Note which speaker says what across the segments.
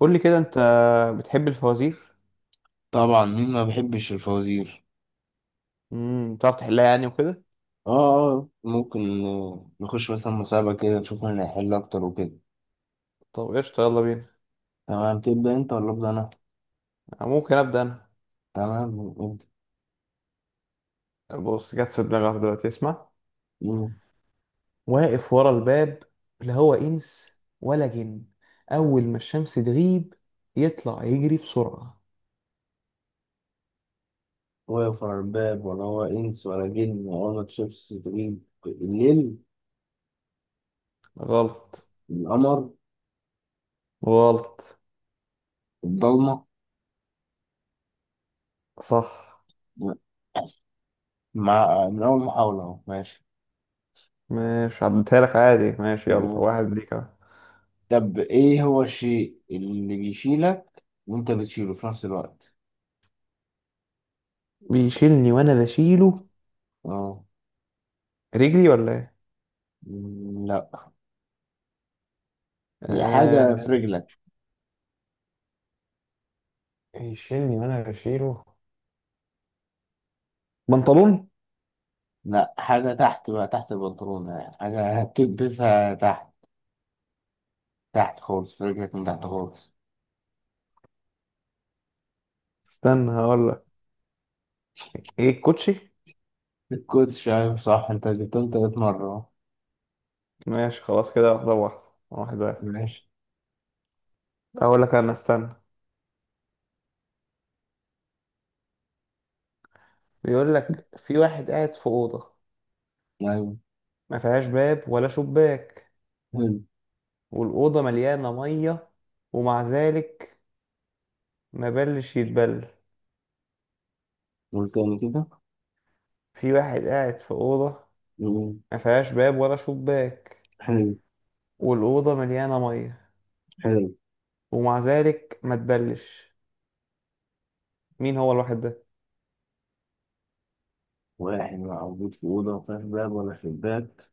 Speaker 1: قول لي كده انت بتحب الفوازير؟
Speaker 2: طبعا مين ما بيحبش الفوازير.
Speaker 1: بتعرف تحلها يعني وكده؟
Speaker 2: اه اه، ممكن نخش مثلا مسابقة كده نشوف مين هيحل أكتر وكده.
Speaker 1: طب قشطة، يلا بينا.
Speaker 2: تمام، تبدأ أنت ولا أبدأ أنا؟
Speaker 1: ممكن ابدا.
Speaker 2: تمام، ابدأ.
Speaker 1: انا بص، جت في دماغي واحدة دلوقتي، اسمع.
Speaker 2: مم.
Speaker 1: واقف ورا الباب، لا هو انس ولا جن، اول ما الشمس تغيب يطلع يجري بسرعة.
Speaker 2: هو يقفل الباب ولا هو إنس ولا جن ولا شيبس تجيب الليل؟
Speaker 1: غلط.
Speaker 2: القمر.
Speaker 1: غلط.
Speaker 2: الضلمة.
Speaker 1: صح.
Speaker 2: مع من أول محاولة أهو ماشي.
Speaker 1: ماشي، عدتها لك عادي، ماشي، يلا
Speaker 2: مم.
Speaker 1: واحد ليك اهو.
Speaker 2: طب إيه هو الشيء اللي بيشيلك وأنت بتشيله في نفس الوقت؟
Speaker 1: بيشيلني وانا بشيله.
Speaker 2: أه.
Speaker 1: رجلي ولا ايه؟
Speaker 2: مم، لأ. هي حاجة في
Speaker 1: آه...
Speaker 2: رجلك.
Speaker 1: يشيلني وانا بشيله. بنطلون.
Speaker 2: لا، حاجة تحت بقى، تحت البنطلون يعني، حاجة هتلبسها تحت. تحت خالص، رجلك من تحت خالص.
Speaker 1: استنى هقول لك. ايه، الكوتشي.
Speaker 2: الكوتش، شايف؟ صح، انت جبتهم 3 مرة اهو.
Speaker 1: ماشي خلاص كده، واحدة واحدة. واحد واحد.
Speaker 2: ماشي.
Speaker 1: اقول لك انا، استنى. بيقول لك، في واحد قاعد في أوضة،
Speaker 2: أيوة.
Speaker 1: ما فيهاش باب ولا شباك،
Speaker 2: حلو.
Speaker 1: والأوضة مليانة مية، ومع ذلك ما بلش يتبل.
Speaker 2: والتاني كده.
Speaker 1: في واحد قاعد في أوضة،
Speaker 2: مم.
Speaker 1: ما فيهاش باب ولا شباك،
Speaker 2: حلو.
Speaker 1: والأوضة مليانة مية،
Speaker 2: حلو.
Speaker 1: ومع ذلك ما تبلش. مين هو الواحد ده؟
Speaker 2: واحد موجود في أوضة مفيهاش باب ولا شباك،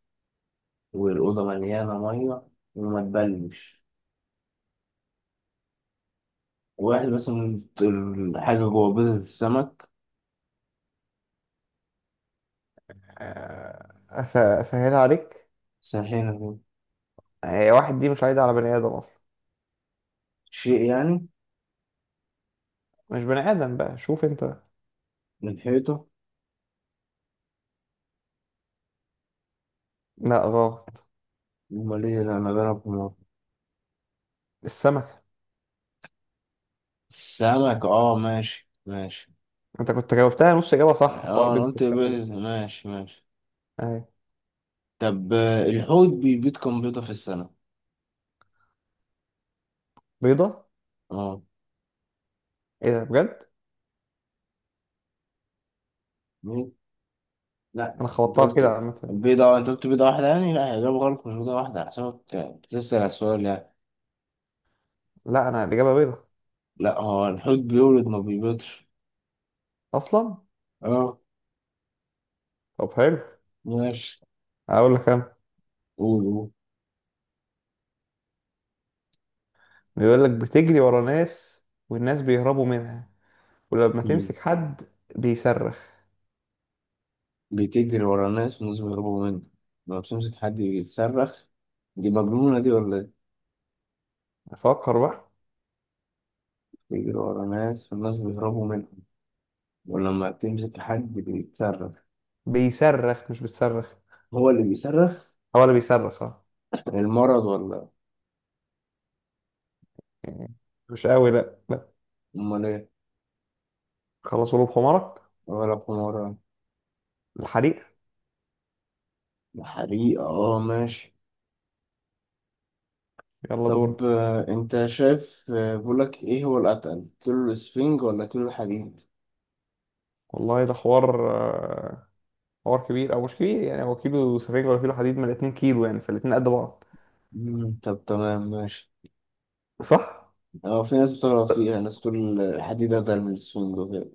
Speaker 2: والأوضة مليانة مية وما تبلش. واحد بس من الحاجة جوه بيضة السمك.
Speaker 1: أسهلها عليك.
Speaker 2: سرحينة كده.
Speaker 1: واحد دي مش عايدة على بني آدم أصلا.
Speaker 2: شيء يعني.
Speaker 1: مش بني آدم بقى، شوف أنت.
Speaker 2: من حيطة.
Speaker 1: لا غلط.
Speaker 2: ومليانة مجرة.
Speaker 1: السمكة.
Speaker 2: سمك، اه، ماشي ماشي.
Speaker 1: انت كنت جاوبتها نص اجابة، صح، حوار
Speaker 2: اه، انا
Speaker 1: بيض
Speaker 2: قلت
Speaker 1: السمكة دي.
Speaker 2: ماشي ماشي.
Speaker 1: اهي.
Speaker 2: طب الحوت بيبيض كام بيضة في السنة؟
Speaker 1: بيضة.
Speaker 2: اه.
Speaker 1: ايه ده بجد؟
Speaker 2: بيض؟
Speaker 1: انا
Speaker 2: لا انت
Speaker 1: خبطتها كده
Speaker 2: قلت
Speaker 1: عامة.
Speaker 2: بيضة، انت قلت بيضة واحدة يعني؟ لا، هي إجابة غلط، مش بيضة واحدة، على حسابك بتسأل على السؤال يعني.
Speaker 1: لا، انا الاجابة بيضة.
Speaker 2: لا، هو الحوت بيولد ما بيبيضش.
Speaker 1: اصلا.
Speaker 2: اه.
Speaker 1: طب حلو.
Speaker 2: ماشي.
Speaker 1: اقول لك انا.
Speaker 2: قول، قول.
Speaker 1: بيقول لك، بتجري ورا ناس، والناس بيهربوا منها، ولما
Speaker 2: مم.
Speaker 1: تمسك حد بيصرخ.
Speaker 2: بتجري ورا الناس والناس بيهربوا منها، لما بتمسك حد يتصرخ. دي مجنونة دي ولا ايه؟
Speaker 1: فكر بقى.
Speaker 2: بتجري ورا ناس والناس بيهربوا منها، ولما بتمسك حد بيتصرف.
Speaker 1: بيصرخ مش بتصرخ.
Speaker 2: هو اللي بيصرخ.
Speaker 1: هو اللي بيصرخ، اه.
Speaker 2: المرض ولا.
Speaker 1: يعني مش قوي، لا لا.
Speaker 2: امال ايه.
Speaker 1: خلصوا له بحمارك.
Speaker 2: ولا حمارة.
Speaker 1: الحريق.
Speaker 2: حريقة، اه، ماشي.
Speaker 1: يلا
Speaker 2: طب
Speaker 1: دورك.
Speaker 2: انت شايف، بقولك ايه هو الاتقل، كيلو الاسفنج ولا كيلو الحديد؟
Speaker 1: والله ده حوار، حوار كبير او مش كبير، يعني هو كيلو سفنج ولا كيلو حديد، من الاتنين كيلو يعني، فالاتنين قد بعض.
Speaker 2: مم، طب تمام ماشي.
Speaker 1: صح.
Speaker 2: اه، في ناس بتغلط فيها، ناس تقول الحديد اتقل من الاسفنج وكده.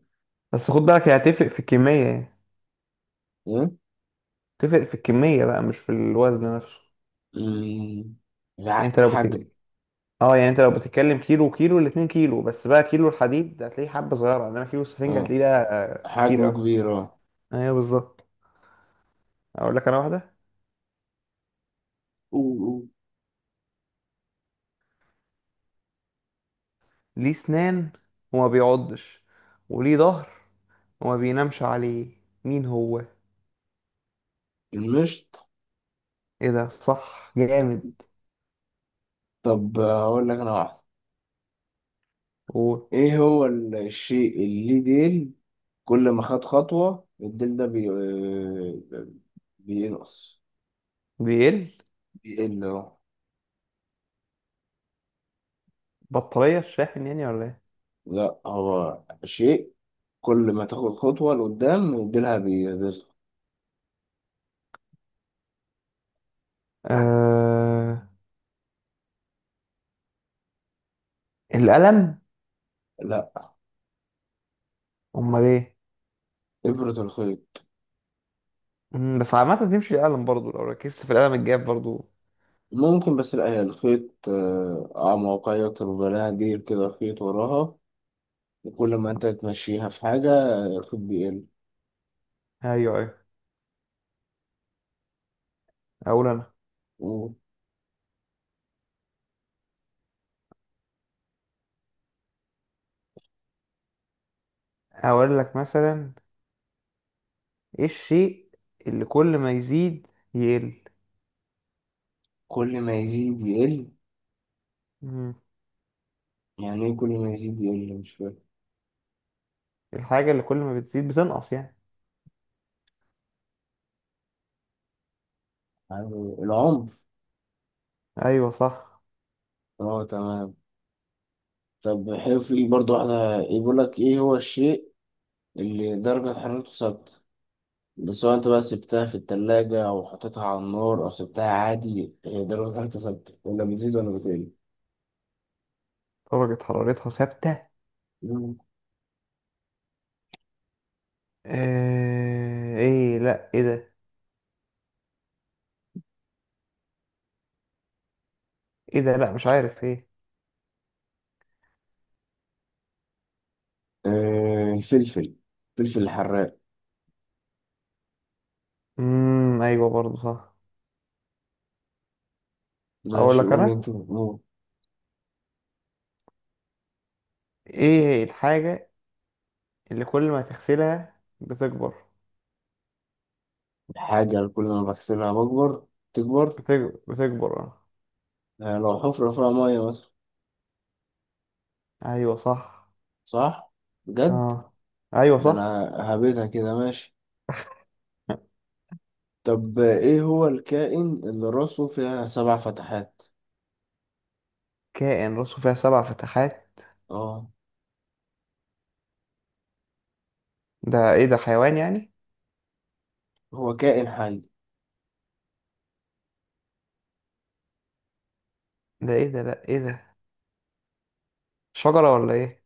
Speaker 1: بس خد بالك، هي هتفرق في الكمية يعني.
Speaker 2: ايه.
Speaker 1: تفرق في الكمية بقى، مش في الوزن نفسه.
Speaker 2: مم.
Speaker 1: يعني
Speaker 2: لا،
Speaker 1: انت لو
Speaker 2: حجم.
Speaker 1: اه، يعني انت لو بتتكلم كيلو وكيلو، الاتنين كيلو بس بقى، كيلو الحديد هتلاقيه حبة صغيرة، انما كيلو السفنج
Speaker 2: اه،
Speaker 1: هتلاقيه ده كتير
Speaker 2: حجمه
Speaker 1: اوي.
Speaker 2: كبير، اه.
Speaker 1: ايوه بالظبط. اقول لك انا واحدة.
Speaker 2: أوه، أوه.
Speaker 1: ليه سنان وما بيعضش، وليه ظهر وما بينامش عليه، مين هو؟
Speaker 2: المشط.
Speaker 1: ايه ده، صح، جامد.
Speaker 2: طب هقول لك انا واحدة.
Speaker 1: هو
Speaker 2: ايه هو الشيء اللي ديل، كل ما خد خطوة الديل ده بي... آه، بينقص.
Speaker 1: بيقل.
Speaker 2: بيقل اهو.
Speaker 1: بطارية الشاحن يعني ولا ايه؟
Speaker 2: لا، هو شيء كل ما تاخد خطوة لقدام ديلها بيصغر.
Speaker 1: آه... القلم.
Speaker 2: لا.
Speaker 1: امال ايه؟
Speaker 2: إبرة الخيط.
Speaker 1: بس عامة تمشي القلم برضو، لو ركزت في القلم الجاف برضو.
Speaker 2: ممكن، بس لا هي الخيط أعمق أكتر، وبلاها ديل كده، خيط وراها، وكل ما أنت تمشيها في حاجة الخيط بيقل.
Speaker 1: ايوه، ايوه. اقول انا.
Speaker 2: وكل
Speaker 1: اقول لك مثلا، ايه الشيء اللي كل ما يزيد يقل؟
Speaker 2: ما يزيد يقل.
Speaker 1: مم،
Speaker 2: يعني إيه كل ما يزيد يقل؟ مش فاهم.
Speaker 1: الحاجة اللي كل ما بتزيد بتنقص يعني.
Speaker 2: يعني العمر.
Speaker 1: ايوه صح.
Speaker 2: اه، تمام. طب حلو، في برضو واحدة، يقول لك ايه هو الشيء اللي درجة حرارته ثابتة، ده سواء انت بقى سبتها في التلاجة او حطيتها على النار او سبتها عادي، هي درجة حرارته ثابتة، ولا بتزيد ولا بتقل.
Speaker 1: درجة حرارتها ثابتة.
Speaker 2: مم.
Speaker 1: ايه، لا ايه ده؟ ايه ده، لا مش عارف ايه.
Speaker 2: الفلفل، الفلفل الحراق.
Speaker 1: ايوه، برضو صح. اقول
Speaker 2: ماشي،
Speaker 1: لك
Speaker 2: قول
Speaker 1: انا.
Speaker 2: انت بتقول.
Speaker 1: ايه الحاجة اللي كل ما تغسلها بتكبر؟
Speaker 2: الحاجة اللي كل ما بغسلها بكبر، تكبر.
Speaker 1: بتكبر، بتكبر، اه.
Speaker 2: آه، لو حفرة فيها مية مثلا.
Speaker 1: ايوه صح.
Speaker 2: صح. بجد.
Speaker 1: اه، ايوه
Speaker 2: ده
Speaker 1: صح.
Speaker 2: انا هبيتها كده، ماشي. طب ايه هو الكائن اللي راسه فيها 7 فتحات؟
Speaker 1: كائن راسه فيها 7 فتحات؟
Speaker 2: اه.
Speaker 1: ده ايه ده، حيوان يعني؟
Speaker 2: هو كائن حي.
Speaker 1: ده ايه ده، لا ايه ده، شجرة ولا ايه؟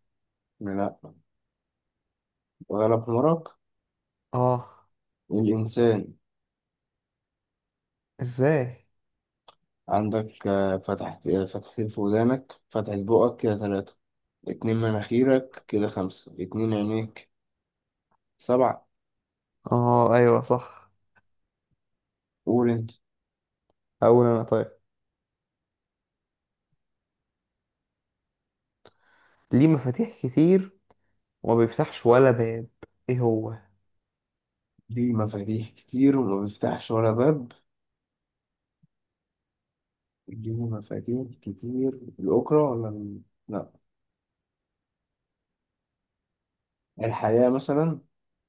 Speaker 2: لا. غلب حمرك.
Speaker 1: اه.
Speaker 2: الإنسان.
Speaker 1: ازاي؟
Speaker 2: عندك فتحتين في ودانك، فتحة بقك، كده 3، 2 مناخيرك كده 5، 2 عينيك، 7.
Speaker 1: اه، ايوه صح.
Speaker 2: قول انت.
Speaker 1: اقول انا، طيب. ليه مفاتيح كتير وما بيفتحش ولا باب، ايه هو؟
Speaker 2: ليه مفاتيح كتير وما بيفتحش ولا باب؟ ليه مفاتيح كتير؟ الأوكرة ولا لا، الحياة مثلا،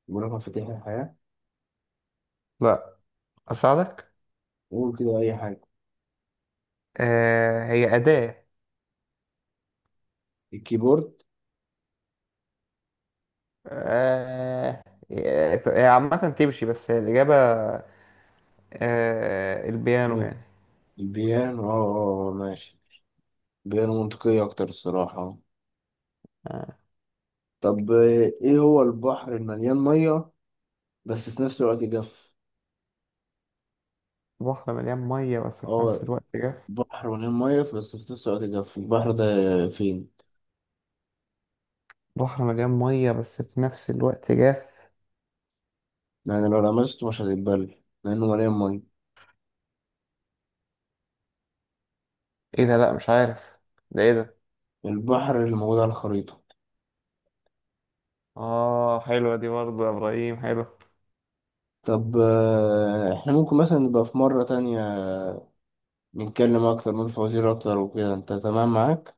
Speaker 2: بقول لك مفاتيح الحياة.
Speaker 1: لا. اساعدك.
Speaker 2: قول كده أي حاجة.
Speaker 1: هي اداة.
Speaker 2: الكيبورد.
Speaker 1: آه هي عامة تمشي، بس هي الإجابة. البيانو يعني.
Speaker 2: قول. البيانو، اه، ماشي. بيانو منطقية أكتر الصراحة.
Speaker 1: آه.
Speaker 2: طب ايه هو البحر المليان ميه بس في نفس الوقت جاف؟
Speaker 1: بحر مليان مية بس في
Speaker 2: اه،
Speaker 1: نفس الوقت جاف.
Speaker 2: بحر مليان ميه بس في نفس الوقت جاف، البحر ده فين؟
Speaker 1: بحر مليان مية بس في نفس الوقت جاف.
Speaker 2: يعني لو لمسته مش هتتبل لانه مليان ميه.
Speaker 1: ايه ده، لا مش عارف، ده ايه ده؟
Speaker 2: البحر اللي موجود على الخريطه.
Speaker 1: اه، حلوة دي برضه يا ابراهيم، حلو.
Speaker 2: طب احنا ممكن مثلا نبقى في مرة تانية نتكلم أكتر، من فوازير أكتر وكده، أنت تمام معاك؟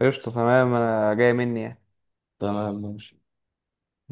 Speaker 1: قشطة، تمام، انا جاي مني يعني.
Speaker 2: تمام ماشي.